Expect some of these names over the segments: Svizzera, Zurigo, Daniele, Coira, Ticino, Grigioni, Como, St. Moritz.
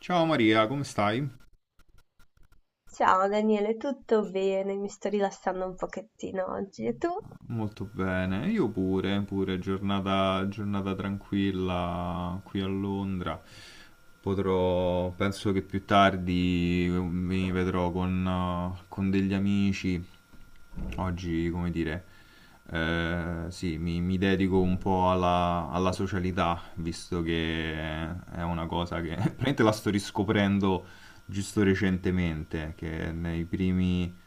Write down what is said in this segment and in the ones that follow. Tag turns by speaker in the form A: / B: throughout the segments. A: Ciao Maria, come stai?
B: Ciao Daniele, tutto bene? Mi sto rilassando un pochettino oggi. E tu?
A: Molto bene, io pure, giornata tranquilla qui a Londra. Penso che più tardi mi vedrò con degli amici. Oggi, come dire, sì, mi dedico un po' alla socialità, visto che è una cosa che praticamente la sto riscoprendo giusto recentemente, che nei primi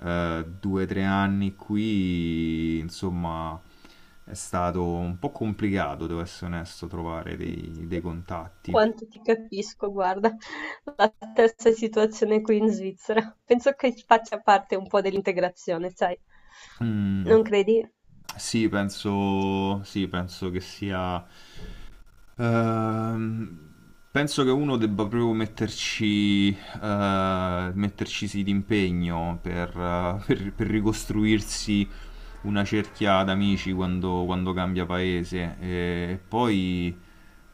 A: due o tre anni qui, insomma, è stato un po' complicato, devo essere onesto, trovare dei contatti.
B: Quanto ti capisco, guarda, la stessa situazione qui in Svizzera. Penso che faccia parte un po' dell'integrazione, sai?
A: Mm,
B: Non credi? Eh
A: sì, penso che sia... Ehm, Penso che uno debba proprio metterci sì d'impegno per ricostruirsi una cerchia d'amici quando cambia paese. E poi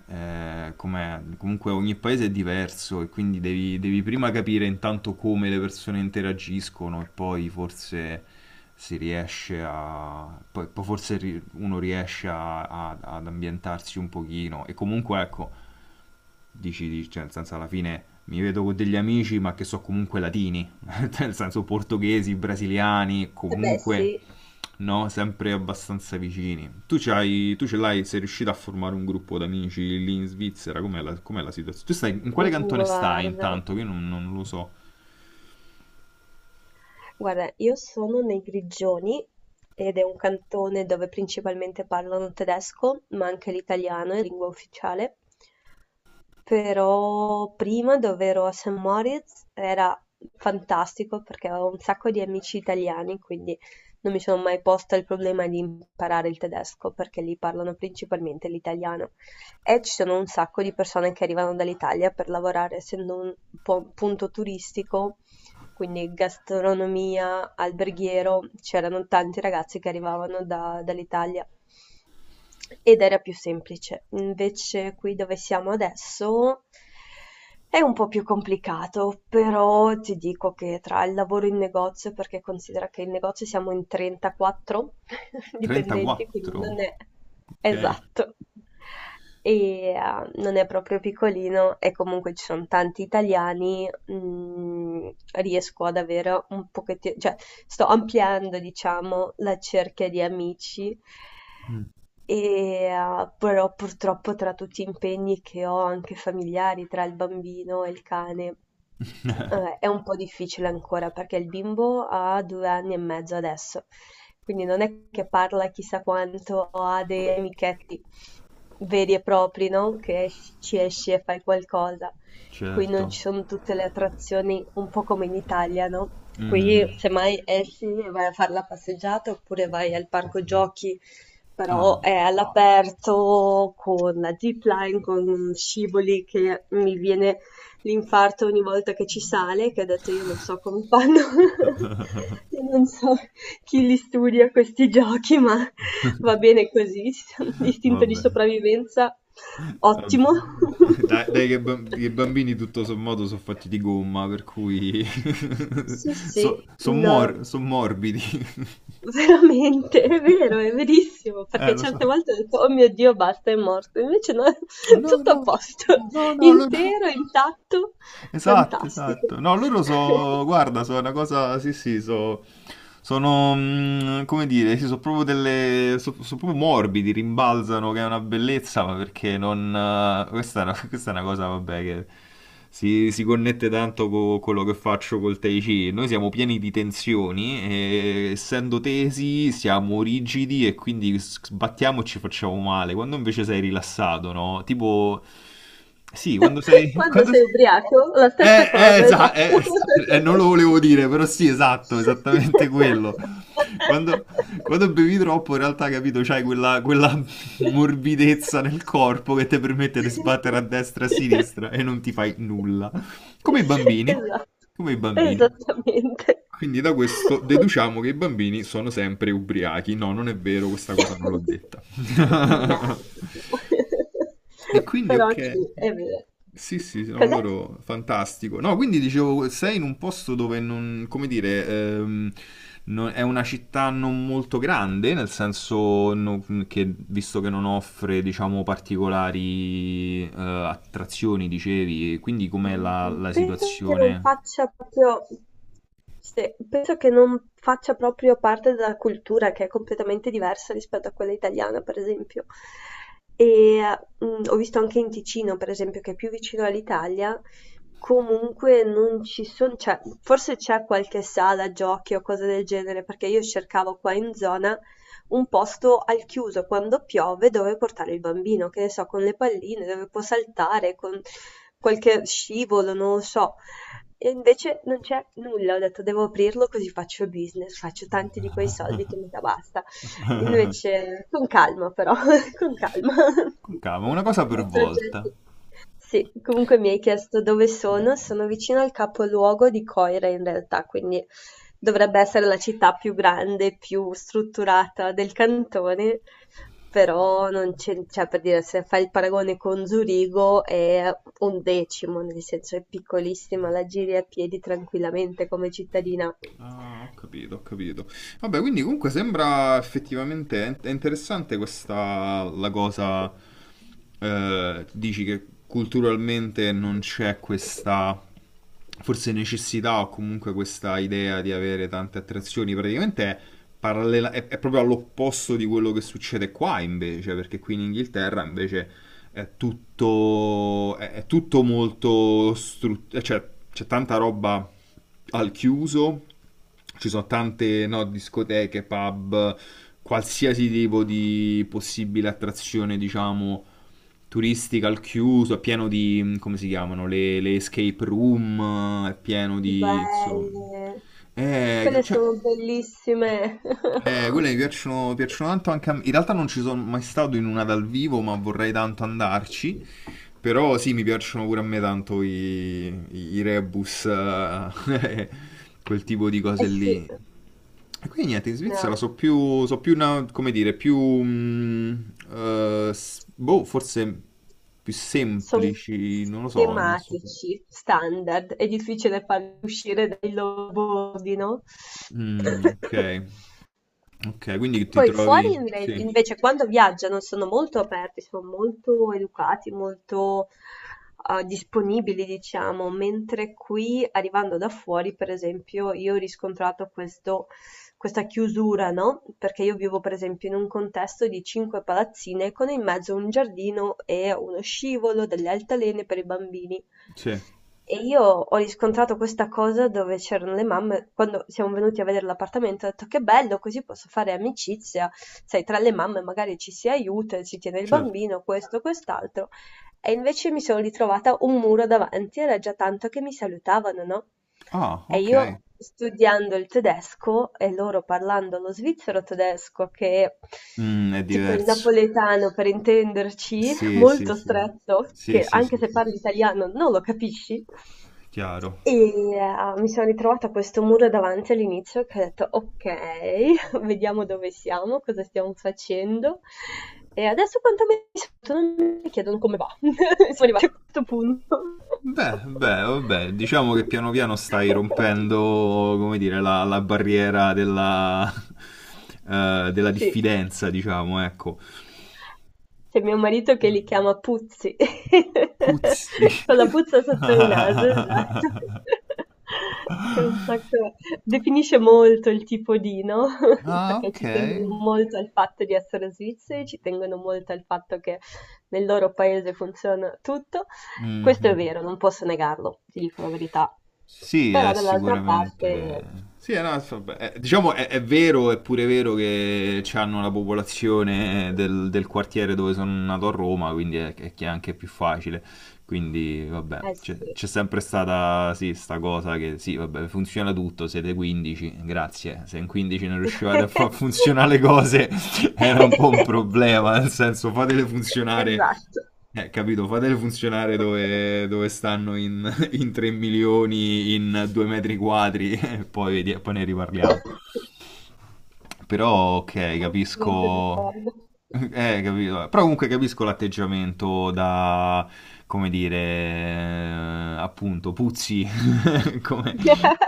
A: comunque ogni paese è diverso e quindi devi prima capire intanto come le persone interagiscono e poi forse si riesce a... poi forse uno riesce ad ambientarsi un pochino e comunque ecco. Cioè, nel senso, alla fine mi vedo con degli amici, ma che so comunque latini, nel senso portoghesi, brasiliani,
B: beh, sì,
A: comunque, no, sempre abbastanza vicini. Tu ce l'hai, sei riuscito a formare un gruppo d'amici lì in Svizzera? Com'è la situazione? Tu stai, in quale cantone stai
B: guarda.
A: intanto? Che io non lo so.
B: Guarda, io sono nei Grigioni ed è un cantone dove principalmente parlano tedesco, ma anche l'italiano è lingua ufficiale. Però prima dove ero a St. Moritz era fantastico perché avevo un sacco di amici italiani, quindi non mi sono mai posta il problema di imparare il tedesco perché lì parlano principalmente l'italiano. E ci sono un sacco di persone che arrivano dall'Italia per lavorare, essendo un po' un punto turistico, quindi gastronomia, alberghiero, c'erano tanti ragazzi che arrivavano dall'Italia ed era più semplice. Invece qui dove siamo adesso è un po' più complicato, però ti dico che tra il lavoro in negozio, perché considera che in negozio siamo in 34 dipendenti, quindi
A: 34?
B: non è,
A: Ok.
B: esatto. E non è proprio piccolino e comunque ci sono tanti italiani. Riesco ad avere un pochettino, cioè, sto ampliando, diciamo, la cerchia di amici.
A: Mm,
B: E, però purtroppo tra tutti gli impegni che ho, anche familiari, tra il bambino e il cane, è un po' difficile ancora perché il bimbo ha 2 anni e mezzo adesso, quindi non è che parla chissà quanto o ha dei amichetti veri e propri, no, che ci esci e fai qualcosa. Qui non
A: certo.
B: ci sono tutte le attrazioni, un po' come in Italia, no? Qui
A: Mhm.
B: semmai esci e vai a fare la passeggiata oppure vai al parco giochi, però
A: Ah,
B: è
A: ok.
B: all'aperto con la zipline, con scivoli che mi viene l'infarto ogni volta che ci sale, che ho detto io non so come fanno. Io non so chi li studia questi giochi, ma va bene così. Istinto di
A: Vabbè.
B: sopravvivenza, ottimo.
A: Vabbè. Dai, dai che che i bambini tutto sommato sono fatti di gomma, per cui
B: Sì, sì,
A: sono
B: no,
A: morbidi.
B: veramente, è vero, è verissimo, perché
A: Lo so.
B: certe volte ho detto, oh mio Dio, basta, è morto, invece no,
A: No,
B: tutto a
A: no,
B: posto,
A: no, no, no.
B: intero, intatto,
A: Esatto,
B: fantastico.
A: esatto. No, loro guarda, sono una cosa, sì, sì, sono, come dire, sì, sono proprio delle, sono proprio morbidi, rimbalzano, che è una bellezza, ma perché non, questa è una, questa è una cosa, vabbè, che si connette tanto con quello che faccio col Tai Chi. Noi siamo pieni di tensioni e essendo tesi siamo rigidi e quindi sbattiamo e ci facciamo male, quando invece sei rilassato, no? Tipo, sì, quando sei,
B: Quando
A: quando...
B: sei ubriaco, la stessa
A: Eh, eh,
B: cosa,
A: esa-
B: esatto,
A: eh, eh, non lo volevo dire, però sì, esatto, esattamente quello. Quando, Quando bevi troppo, in realtà, capito, c'hai quella morbidezza nel corpo che ti permette di sbattere a destra e a sinistra e non ti fai nulla. Come i bambini,
B: esatto,
A: come i bambini.
B: esattamente.
A: Quindi da questo deduciamo che i bambini sono sempre ubriachi. No, non è vero, questa cosa non l'ho detta.
B: No,
A: E quindi,
B: però sì,
A: ok.
B: è vero.
A: Sì, sì, sì, no,
B: Cos'è?
A: loro fantastico. No, quindi dicevo, sei in un posto dove non, come dire, è una città non molto grande, nel senso che, visto che non offre, diciamo, particolari attrazioni, dicevi, e quindi com'è
B: Mhmm,
A: la
B: penso che non
A: situazione?
B: faccia proprio, sì, penso che non faccia proprio parte della cultura, che è completamente diversa rispetto a quella italiana, per esempio. E, ho visto anche in Ticino, per esempio, che è più vicino all'Italia, comunque non ci son, cioè, forse c'è qualche sala giochi o cose del genere, perché io cercavo qua in zona un posto al chiuso quando piove dove portare il bambino, che ne so, con le palline dove può saltare, con qualche scivolo, non lo so. E invece non c'è nulla, ho detto devo aprirlo così faccio business, faccio tanti di quei soldi che mi da basta. Invece con calma però. Con calma.
A: Con calma, una cosa per
B: Di
A: volta.
B: progetti. Sì, comunque mi hai chiesto dove sono. Sono vicino al capoluogo di Coira in realtà, quindi dovrebbe essere la città più grande, più strutturata del cantone, però non c'è, cioè, per dire, se fai il paragone con Zurigo è un decimo, nel senso è piccolissima, la giri a piedi tranquillamente come cittadina.
A: Ah, ho capito, ho capito. Vabbè, quindi comunque sembra effettivamente è interessante questa la cosa. Dici che culturalmente non c'è questa forse necessità o comunque questa idea di avere tante attrazioni. Praticamente è, è proprio all'opposto di quello che succede qua invece, perché qui in Inghilterra invece è tutto, è tutto molto, cioè c'è tanta roba al chiuso, ci sono tante no, discoteche, pub, qualsiasi tipo di possibile attrazione, diciamo, turistica al chiuso, è pieno di, come si chiamano, le escape room, è pieno di, insomma,
B: Belle. Quelle
A: cioè,
B: sono bellissime.
A: quelle mi piacciono, piacciono tanto anche a me. In realtà non ci sono mai stato in una dal vivo, ma vorrei tanto andarci. Però sì, mi piacciono pure a me tanto i rebus, quel tipo di cose
B: Essi
A: lì. E quindi niente, in Svizzera so più come dire, più, mm, boh, forse più
B: son
A: semplici, non lo so, non so.
B: schematici, standard, è difficile farli uscire dai loro bordi, no?
A: Mm, ok, ok, quindi ti
B: Poi fuori
A: trovi, sì,
B: invece quando viaggiano sono molto aperti, sono molto educati, molto disponibili, diciamo, mentre qui arrivando da fuori, per esempio, io ho riscontrato questa chiusura, no? Perché io vivo, per esempio, in un contesto di cinque palazzine con in mezzo un giardino e uno scivolo, delle altalene per i bambini.
A: sì,
B: E io ho riscontrato questa cosa dove c'erano le mamme, quando siamo venuti a vedere l'appartamento, ho detto che bello, così posso fare amicizia, sai, tra le mamme magari ci si aiuta, si tiene il
A: certo.
B: bambino, questo, quest'altro. E invece mi sono ritrovata un muro davanti, era già tanto che mi salutavano, no?
A: Ah,
B: E
A: ok.
B: io studiando il tedesco e loro parlando lo svizzero tedesco, che è
A: Mm, è
B: tipo il
A: diverso.
B: napoletano per intenderci,
A: Sì, sì,
B: molto
A: sì.
B: stretto,
A: Sì,
B: che
A: sì,
B: anche
A: sì,
B: se
A: sì.
B: parli italiano non lo capisci.
A: Chiaro.
B: E mi sono ritrovata a questo muro davanti all'inizio che ho detto, ok, vediamo dove siamo, cosa stiamo facendo. E adesso quanto mi sento, non mi chiedono come va. Siamo arrivati a questo punto.
A: Beh, beh, vabbè, diciamo che piano piano stai rompendo, come dire, la barriera della
B: Sì.
A: diffidenza, diciamo, ecco.
B: C'è mio marito che li chiama puzzi,
A: Puzzi.
B: con la puzza sotto il naso, esatto. Che è un sacco, definisce molto il tipo di, no,
A: Ah,
B: perché
A: ok.
B: ci tengono molto al fatto di essere svizzeri, ci tengono molto al fatto che nel loro paese funziona tutto. Questo è
A: Mhm.
B: vero, non posso negarlo, ti dico la verità.
A: Sì, è
B: Però dall'altra parte
A: sicuramente... Sì, no, vabbè, diciamo è vero, è pure vero che hanno la popolazione del quartiere dove sono nato a Roma, quindi è che è anche più facile. Quindi, vabbè,
B: eh sì.
A: c'è sempre stata, sì, sta cosa che, sì, vabbè, funziona tutto, siete 15, grazie. Se in 15 non riuscivate a far funzionare le cose, era un po' un problema, nel senso, fatele funzionare,
B: Esatto.
A: capito, fatele funzionare dove, stanno in, in 3 milioni in 2 metri quadri, poi, poi ne riparliamo. Però ok,
B: Assolutamente
A: capisco.
B: d'accordo.
A: Capito. Però comunque capisco l'atteggiamento da, come dire, appunto, puzzi, come,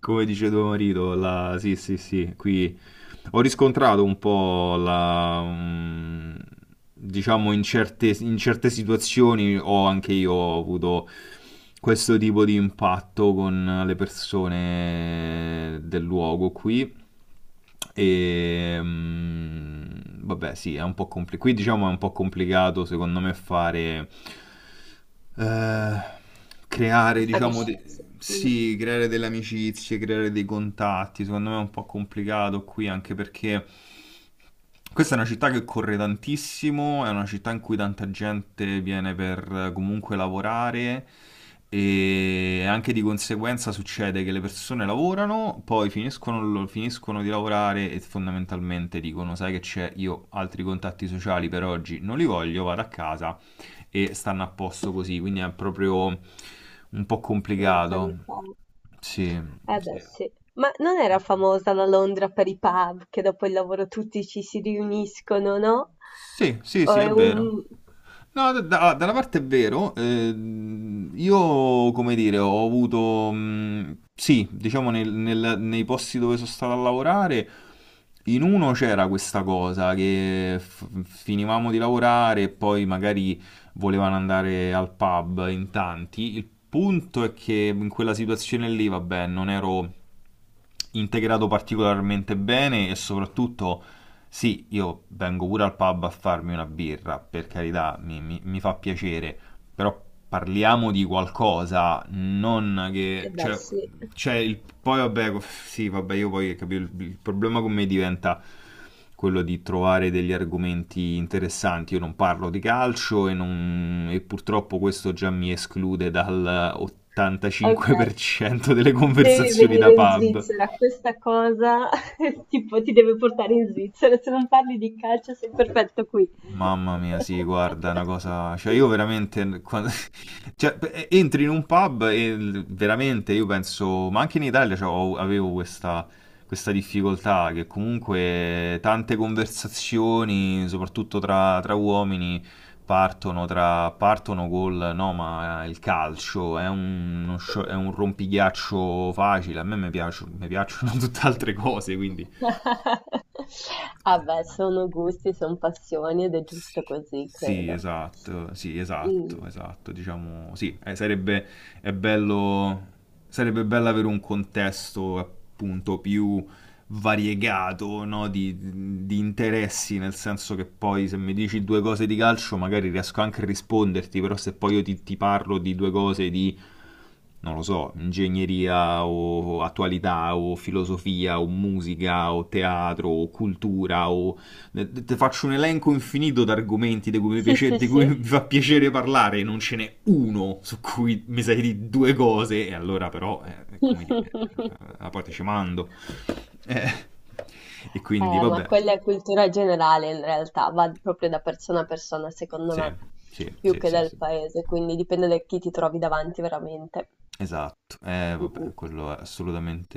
A: come dice tuo marito, la, sì, sì, sì, qui ho riscontrato un po' la, diciamo in certe situazioni ho anche io ho avuto questo tipo di impatto con le persone del luogo qui. E vabbè, sì, è un po' complicato. Qui diciamo è un po' complicato secondo me fare eh, creare, diciamo,
B: Amicizia,
A: sì, creare delle amicizie, creare dei contatti, secondo me è un po' complicato qui anche perché questa è una città che corre tantissimo, è una città in cui tanta gente viene per comunque lavorare e anche di conseguenza succede che le persone lavorano, poi finiscono di lavorare e fondamentalmente dicono, sai che c'è, io altri contatti sociali per oggi non li voglio, vado a casa e stanno a posto così, quindi è proprio un po' complicato.
B: mentalità.
A: Sì,
B: Eh beh,
A: sì.
B: sì. Ma non era famosa la Londra per i pub, che dopo il lavoro tutti ci si riuniscono, no?
A: Sì, sì,
B: O
A: sì, è
B: è
A: vero.
B: un...
A: No, da una parte è vero, io come dire, ho avuto, sì, diciamo nei posti dove sono stato a lavorare, in uno c'era questa cosa che finivamo di lavorare e poi magari volevano andare al pub in tanti. Il punto è che in quella situazione lì, vabbè, non ero integrato particolarmente bene e soprattutto, sì, io vengo pure al pub a farmi una birra, per carità, mi fa piacere, però parliamo di qualcosa, non che...
B: Eh beh,
A: Cioè,
B: sì.
A: c'è il, poi vabbè, sì, vabbè, io poi capito, il problema con me diventa quello di trovare degli argomenti interessanti. Io non parlo di calcio e, e purtroppo questo già mi esclude dal
B: Ok,
A: 85% delle
B: devi
A: conversazioni
B: venire
A: da
B: in
A: pub.
B: Svizzera. Questa cosa tipo ti deve portare in Svizzera. Se non parli di calcio sei perfetto qui.
A: Mamma mia, sì, guarda, è una cosa... Cioè, io veramente... Cioè, entri in un pub e veramente io penso... Ma anche in Italia, cioè, avevo questa difficoltà che comunque tante conversazioni, soprattutto tra uomini, partono, tra, partono col... No, ma il calcio è un, è un rompighiaccio facile. A me mi piacciono tutte altre cose, quindi...
B: Ah beh, sono gusti, son passioni ed è giusto
A: Sì,
B: così,
A: sì,
B: credo.
A: esatto, sì, esatto,
B: Mh.
A: esatto, diciamo, sì, sarebbe, è bello, sarebbe bello avere un contesto appunto più variegato, no, di interessi, nel senso che poi se mi dici due cose di calcio magari riesco anche a risponderti, però se poi io ti parlo di due cose di, non lo so, ingegneria o attualità o filosofia o musica o teatro o cultura o ti faccio un elenco infinito di argomenti di cui,
B: Sì, sì,
A: di cui
B: sì.
A: mi fa piacere parlare, non ce n'è uno su cui mi sai di due cose, e allora però, è come dire, a parte ci mando. Eh, e quindi,
B: Ma
A: vabbè,
B: quella è cultura generale in realtà, va proprio da persona a persona, secondo
A: sì,
B: me,
A: sì,
B: più
A: sì,
B: che
A: sì,
B: dal
A: sì.
B: paese, quindi dipende da chi ti trovi davanti veramente.
A: Esatto,
B: Mh-mh.
A: vabbè, quello è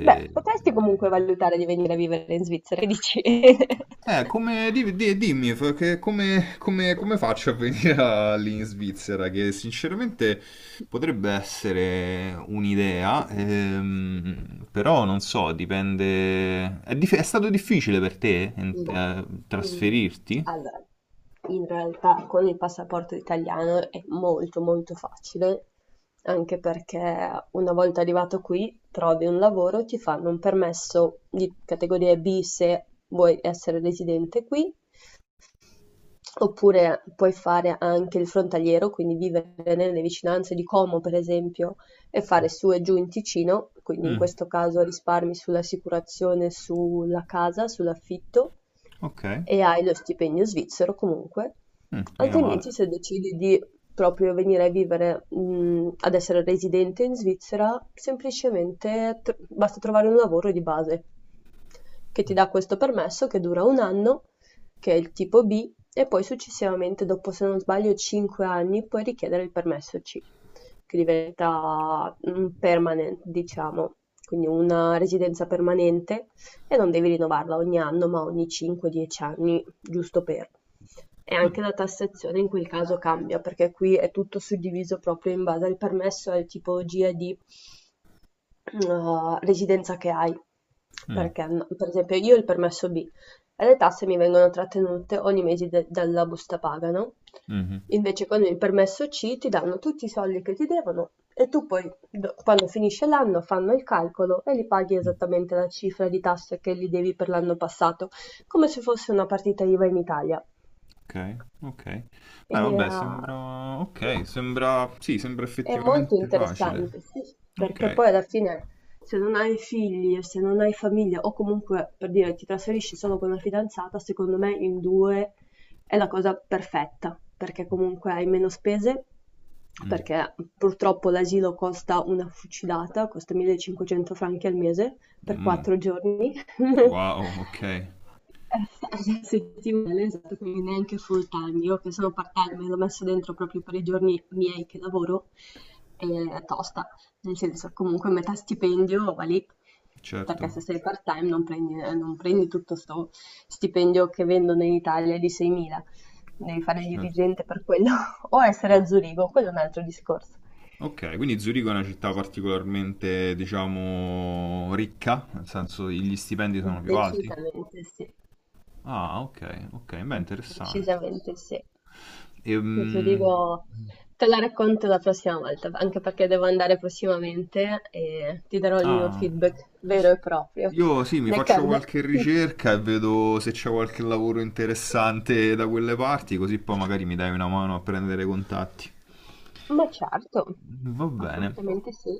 B: Beh, potresti comunque valutare di venire a vivere in Svizzera, che dici?
A: Come, dimmi, perché come, come faccio a venire lì in Svizzera? Che sinceramente potrebbe essere un'idea, però non so, dipende... È stato difficile per te
B: Ma, mhmm,
A: trasferirti?
B: allora, in realtà con il passaporto italiano è molto molto facile, anche perché una volta arrivato qui trovi un lavoro, ti fanno un permesso di categoria B se vuoi essere residente qui. Oppure puoi fare anche il frontaliero, quindi vivere nelle vicinanze di Como, per esempio, e fare su e giù in Ticino, quindi in
A: Mm,
B: questo caso risparmi sull'assicurazione sulla casa, sull'affitto
A: ok.
B: e hai lo stipendio svizzero comunque.
A: Mm, mica male.
B: Altrimenti, se decidi di proprio venire a vivere, ad essere residente in Svizzera, semplicemente basta trovare un lavoro di base che ti dà questo permesso che dura un anno, che è il tipo B, e poi successivamente dopo, se non sbaglio, 5 anni puoi richiedere il permesso C, che diventa un permanent, diciamo, quindi una residenza permanente, e non devi rinnovarla ogni anno, ma ogni 5-10 anni, giusto per. E anche la tassazione in quel caso cambia, perché qui è tutto suddiviso proprio in base al permesso, al tipo GAD residenza che hai.
A: Mm,
B: Perché, no, per esempio, io ho il permesso B e le tasse mi vengono trattenute ogni mese dalla busta paga, no?
A: mhm.
B: Invece con il permesso C ti danno tutti i soldi che ti devono e tu poi, quando finisce l'anno, fanno il calcolo e li paghi
A: Mm.
B: esattamente la cifra di tasse che li devi per l'anno passato, come se fosse una partita IVA in Italia.
A: Ok, ok. Beh,
B: E,
A: vabbè, sembra... Ok, sembra... Sì, sembra
B: è molto
A: effettivamente facile.
B: interessante, sì, perché poi
A: Ok.
B: alla fine se non hai figli e se non hai famiglia o comunque per dire ti trasferisci solo con la fidanzata, secondo me in due è la cosa perfetta, perché comunque hai meno spese,
A: Mm.
B: perché purtroppo l'asilo costa una fucilata, costa 1500 franchi al mese per
A: Mm.
B: 4 giorni.
A: Wow, ok,
B: Eh, settimanale, esatto, quindi neanche full time. Io che sono part time l'ho messo dentro proprio per i giorni miei che lavoro, e è tosta, nel senso comunque metà stipendio va lì, perché
A: certo,
B: se sei part time non prendi, non prendi tutto sto stipendio che vendono in Italia di 6.000, devi fare il
A: certo.
B: dirigente per quello, o essere a
A: No.
B: Zurigo, quello è un altro discorso.
A: Ok, quindi Zurigo è una città particolarmente, diciamo, ricca, nel senso gli stipendi sono più alti.
B: Decisamente sì,
A: Ah, ok, ok, beh, interessante.
B: decisamente sì. Io ti
A: Ehm,
B: dico, te la racconto la prossima volta, anche perché devo andare prossimamente e ti darò il mio
A: ah,
B: feedback vero e proprio.
A: io sì, mi faccio
B: D'accordo?
A: qualche ricerca e vedo se c'è qualche lavoro interessante da quelle parti, così poi magari mi dai una mano a prendere contatti.
B: Ma certo,
A: Va bene.
B: assolutamente sì.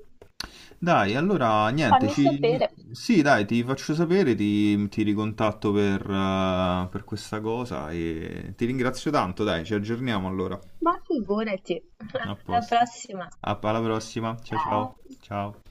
A: Dai, allora niente,
B: Fammi
A: ci...
B: sapere.
A: Sì, dai, ti faccio sapere, ti ricontatto per questa cosa e ti ringrazio tanto, dai, ci aggiorniamo allora.
B: Ma figurati.
A: A
B: Alla
A: posto.
B: prossima.
A: Alla prossima, ciao
B: Ciao.
A: ciao. Ciao.